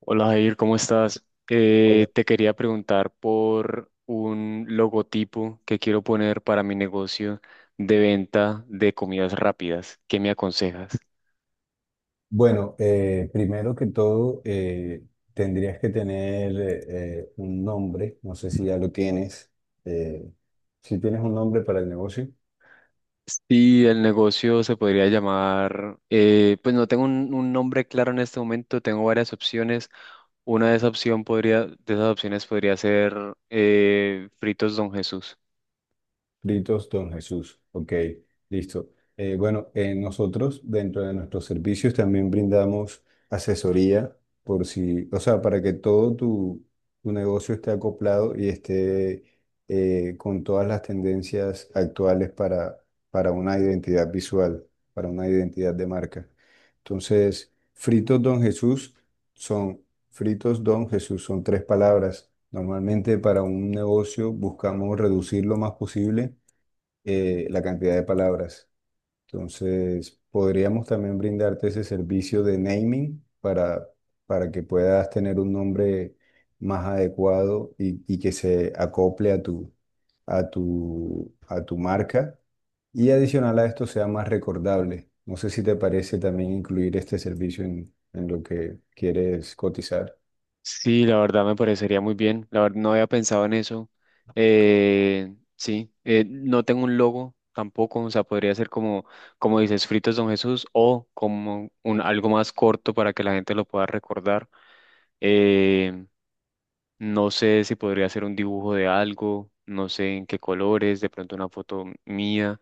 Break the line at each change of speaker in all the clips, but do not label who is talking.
Hola Jair, ¿cómo estás?
Hola.
Te quería preguntar por un logotipo que quiero poner para mi negocio de venta de comidas rápidas. ¿Qué me aconsejas?
Bueno, primero que todo, tendrías que tener un nombre, no sé si ya lo tienes, eh, si tienes un nombre para el negocio.
Sí, el negocio se podría llamar, pues no tengo un nombre claro en este momento, tengo varias opciones. Una de esas opción de esas opciones podría ser Fritos Don Jesús.
Fritos Don Jesús, ok, listo. Bueno, nosotros dentro de nuestros servicios también brindamos asesoría por si, o sea, para que todo tu negocio esté acoplado y esté con todas las tendencias actuales para una identidad visual, para una identidad de marca. Entonces, son, Fritos Don Jesús son tres palabras. Normalmente para un negocio buscamos reducir lo más posible la cantidad de palabras. Entonces, podríamos también brindarte ese servicio de naming para que puedas tener un nombre más adecuado y que se acople a a tu marca y adicional a esto sea más recordable. No sé si te parece también incluir este servicio en lo que quieres cotizar.
Sí, la verdad me parecería muy bien. La verdad no había pensado en eso. Sí, no tengo un logo tampoco. O sea, podría ser como dices, Fritos Don Jesús o como algo más corto para que la gente lo pueda recordar. Eh, no sé si podría ser un dibujo de algo, no sé en qué colores, de pronto una foto mía,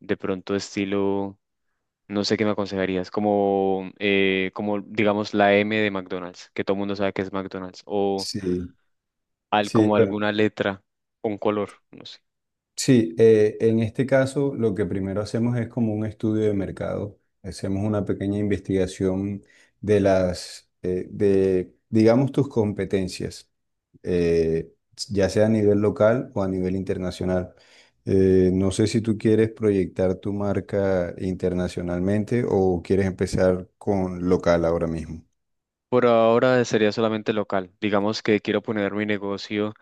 de pronto estilo, no sé qué me aconsejarías, como digamos la M de McDonald's, que todo el mundo sabe que es McDonald's o
Sí,
al,
sí,
como
bueno.
alguna letra, un color, no sé.
Sí, en este caso lo que primero hacemos es como un estudio de mercado, hacemos una pequeña investigación de digamos, tus competencias, eh, ya sea a nivel local o a nivel internacional. No sé si tú quieres proyectar tu marca internacionalmente o quieres empezar con local ahora mismo.
Por ahora sería solamente local. Digamos que quiero poner mi negocio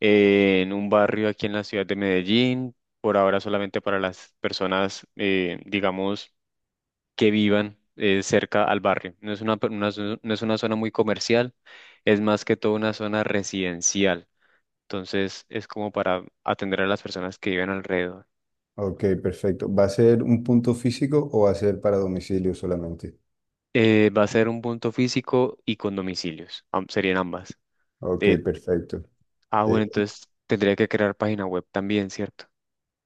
en un barrio aquí en la ciudad de Medellín. Por ahora solamente para las personas, digamos, que vivan cerca al barrio. No es una, per- una zo- no es una zona muy comercial, es más que todo una zona residencial. Entonces es como para atender a las personas que viven alrededor.
Ok, perfecto. ¿Va a ser un punto físico o va a ser para domicilio solamente?
Va a ser un punto físico y con domicilios. Serían ambas.
Ok,
Eh,
perfecto.
Ah, bueno,
Eh,
entonces tendría que crear página web también, ¿cierto?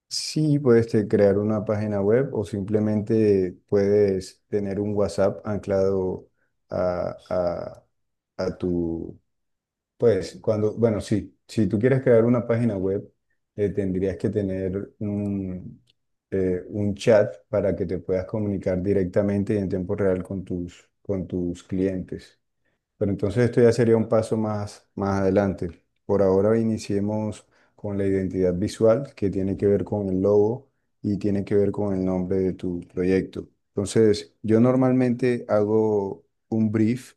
Sí, puedes este, crear una página web o simplemente puedes tener un WhatsApp anclado a, a- a tu, pues cuando, bueno, sí, si tú quieres crear una página web, eh, tendrías que tener un chat para que te puedas comunicar directamente y en tiempo real con con tus clientes. Pero entonces esto ya sería un paso más adelante. Por ahora iniciemos con la identidad visual, que tiene que ver con el logo y tiene que ver con el nombre de tu proyecto. Entonces, yo normalmente hago un brief.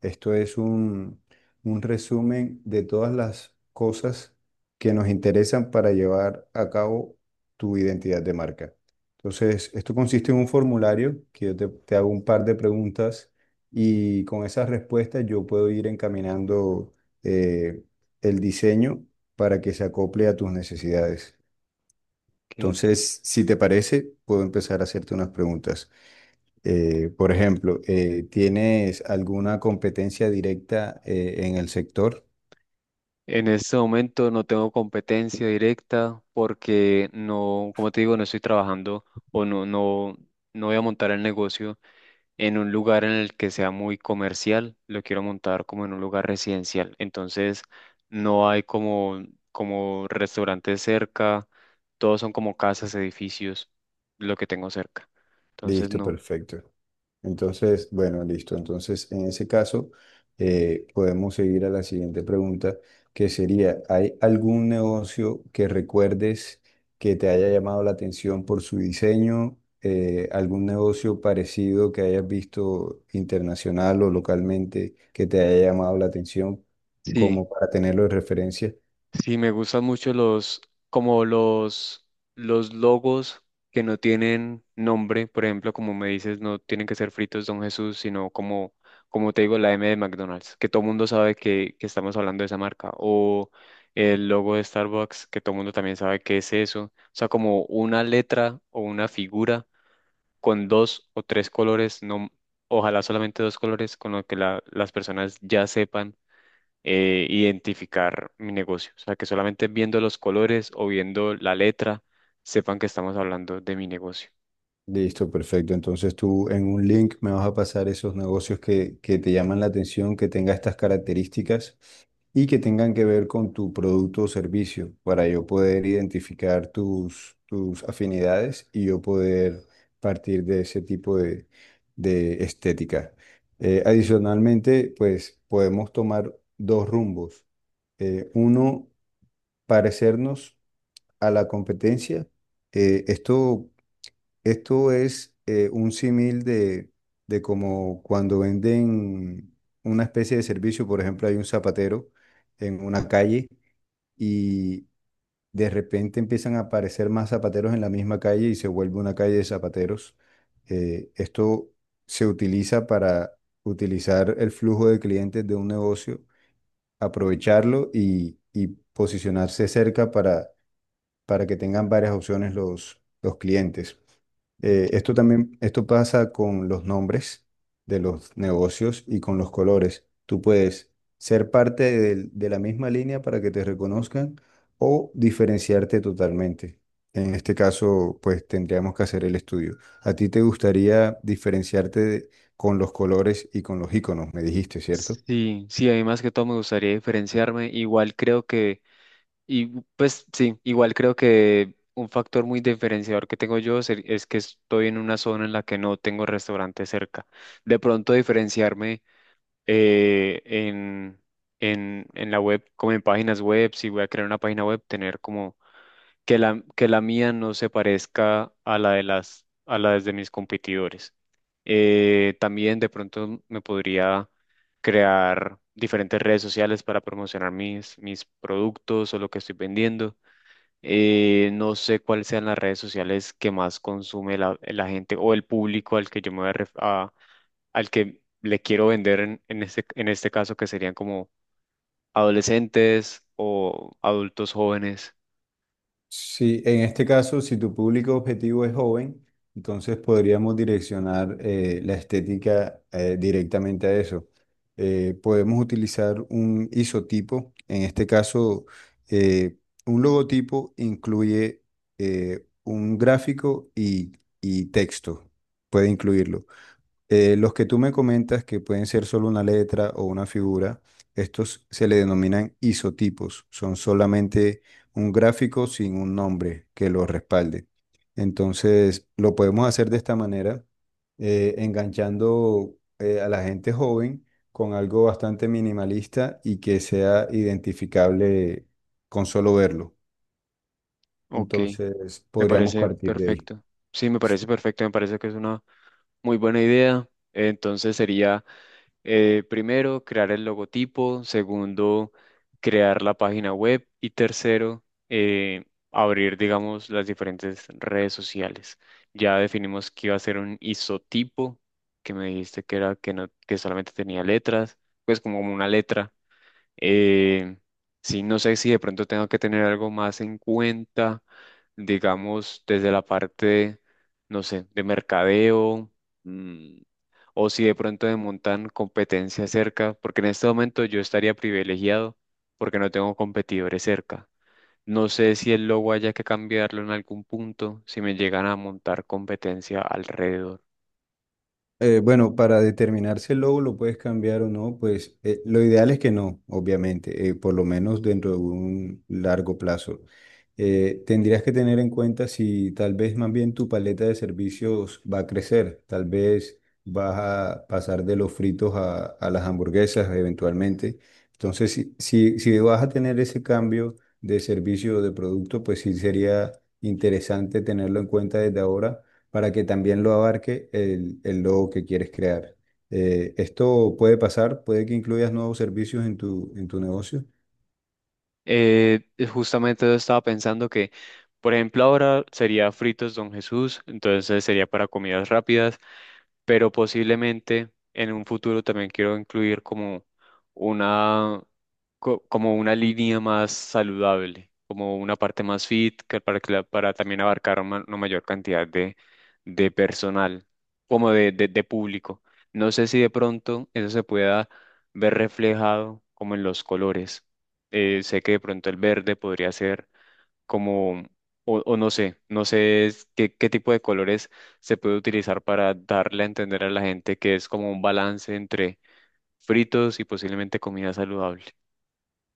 Esto es un, un resumen de todas las cosas que nos interesan para llevar a cabo tu identidad de marca. Entonces, esto consiste en un formulario que yo te hago un par de preguntas y con esas respuestas yo puedo ir encaminando eh, el diseño para que se acople a tus necesidades.
Ok.
Entonces, si te parece, puedo empezar a hacerte unas preguntas. Por ejemplo, ¿tienes alguna competencia directa en el sector?
En este momento no tengo competencia directa porque no, como te digo, no estoy trabajando o no, no, no voy a montar el negocio en un lugar en el que sea muy comercial, lo quiero montar como en un lugar residencial. Entonces no hay como restaurantes cerca, todos son como casas, edificios, lo que tengo cerca. Entonces
Listo,
no.
perfecto. Entonces, bueno, listo. Entonces, en ese caso, podemos seguir a la siguiente pregunta, que sería, ¿hay algún negocio que recuerdes que te haya llamado la atención por su diseño? ¿Algún negocio parecido que hayas visto internacional o localmente que te haya llamado la atención
Sí.
como para tenerlo de referencia?
Sí, me gustan mucho como los, los logos que no tienen nombre, por ejemplo, como me dices, no tienen que ser fritos Don Jesús, como te digo, la M de McDonald's, que todo el mundo sabe que estamos hablando de esa marca, o el logo de Starbucks, que todo el mundo también sabe qué es eso. O sea, como una letra o una figura con dos o tres colores, no, ojalá solamente dos colores, con lo que las personas ya sepan identificar mi negocio. O sea, que solamente viendo los colores o viendo la letra sepan que estamos hablando de mi negocio.
Listo, perfecto. Entonces tú en un link me vas a pasar esos negocios que te llaman la atención, que tenga estas características y que tengan que ver con tu producto o servicio para yo poder identificar tus afinidades y yo poder partir de ese tipo de estética. Adicionalmente, pues podemos tomar dos rumbos. Uno, parecernos a la competencia. Eh, esto es un símil de como cuando venden una especie de servicio, por ejemplo, hay un zapatero en una calle y de repente empiezan a aparecer más zapateros en la misma calle y se vuelve una calle de zapateros. Esto se utiliza para utilizar el flujo de clientes de un negocio, aprovecharlo y posicionarse cerca para que tengan varias opciones los clientes.
Entiendo.
Esto pasa con los nombres de los negocios y con los colores. Tú puedes ser parte de la misma línea para que te reconozcan o diferenciarte totalmente. En este caso, pues tendríamos que hacer el estudio. ¿A ti te gustaría diferenciarte con los colores y con los iconos? Me dijiste, ¿cierto?
Sí, sí, a mí más que todo me gustaría diferenciarme. Igual creo que, y pues sí, igual creo que un factor muy diferenciador que tengo yo es que estoy en una zona en la que no tengo restaurante cerca. De pronto diferenciarme eh, en, en la web, como en páginas web, si voy a crear una página web, tener como que que la mía no se parezca a la de a la de mis competidores. También de pronto me podría crear diferentes redes sociales para promocionar mis productos o lo que estoy vendiendo. No sé cuáles sean las redes sociales que más consume la gente o el público al que yo me voy al que le quiero vender en este caso, que serían como adolescentes o adultos jóvenes.
Sí, en este caso, si tu público objetivo es joven, entonces podríamos direccionar la estética directamente a eso. Podemos utilizar un isotipo, en este caso, eh, un logotipo incluye un gráfico y texto, puede incluirlo. Los que tú me comentas que pueden ser solo una letra o una figura, estos se le denominan isotipos, son solamente un gráfico sin un nombre que lo respalde. Entonces, lo podemos hacer de esta manera, enganchando a la gente joven con algo bastante minimalista y que sea identificable con solo verlo.
Ok.
Entonces,
Me
podríamos
parece
partir de ahí.
perfecto. Sí, me parece perfecto. Me parece que es una muy buena idea. Entonces sería, primero, crear el logotipo. Segundo, crear la página web. Y tercero, abrir, digamos, las diferentes redes sociales. Ya definimos que iba a ser un isotipo, que me dijiste que era que no, que solamente tenía letras, pues como una letra. Eh, sí, no sé si de pronto tengo que tener algo más en cuenta, digamos, desde la parte, no sé, de mercadeo, mm, o si de pronto me montan competencia cerca, porque en este momento yo estaría privilegiado porque no tengo competidores cerca. No sé si el logo haya que cambiarlo en algún punto, si me llegan a montar competencia alrededor.
Bueno, para determinar si el logo lo puedes cambiar o no, pues lo ideal es que no, obviamente, por lo menos dentro de un largo plazo. Tendrías que tener en cuenta si tal vez más bien tu paleta de servicios va a crecer, tal vez vas a pasar de los fritos a las hamburguesas eventualmente. Entonces, si vas a tener ese cambio de servicio o de producto, pues sí sería interesante tenerlo en cuenta desde ahora para que también lo abarque el logo que quieres crear. Esto puede pasar, puede que incluyas nuevos servicios en en tu negocio.
Eh, justamente yo estaba pensando que, por ejemplo, ahora sería fritos Don Jesús, entonces sería para comidas rápidas, pero posiblemente en un futuro también quiero incluir como una, como una línea más saludable, como una parte más fit, que para, que la- para también abarcar una mayor cantidad de personal, como de público. No sé si de pronto eso se pueda ver reflejado como en los colores, sé que de pronto el verde podría ser como, o no sé, qué tipo de colores se puede utilizar para darle a entender a la gente que es como un balance entre fritos y posiblemente comida saludable.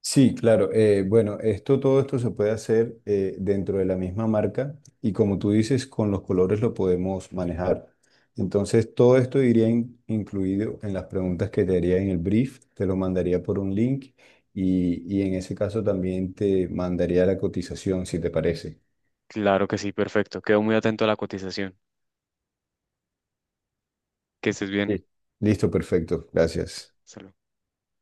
Sí, claro. Bueno, esto, todo esto se puede hacer dentro de la misma marca y como tú dices, con los colores lo podemos manejar. Entonces, todo esto iría incluido en las preguntas que te haría en el brief, te lo mandaría por un link y en ese caso también te mandaría la cotización, si te parece.
Claro que sí, perfecto. Quedo muy atento a la cotización. Que estés bien.
Sí. Listo, perfecto. Gracias.
Salud.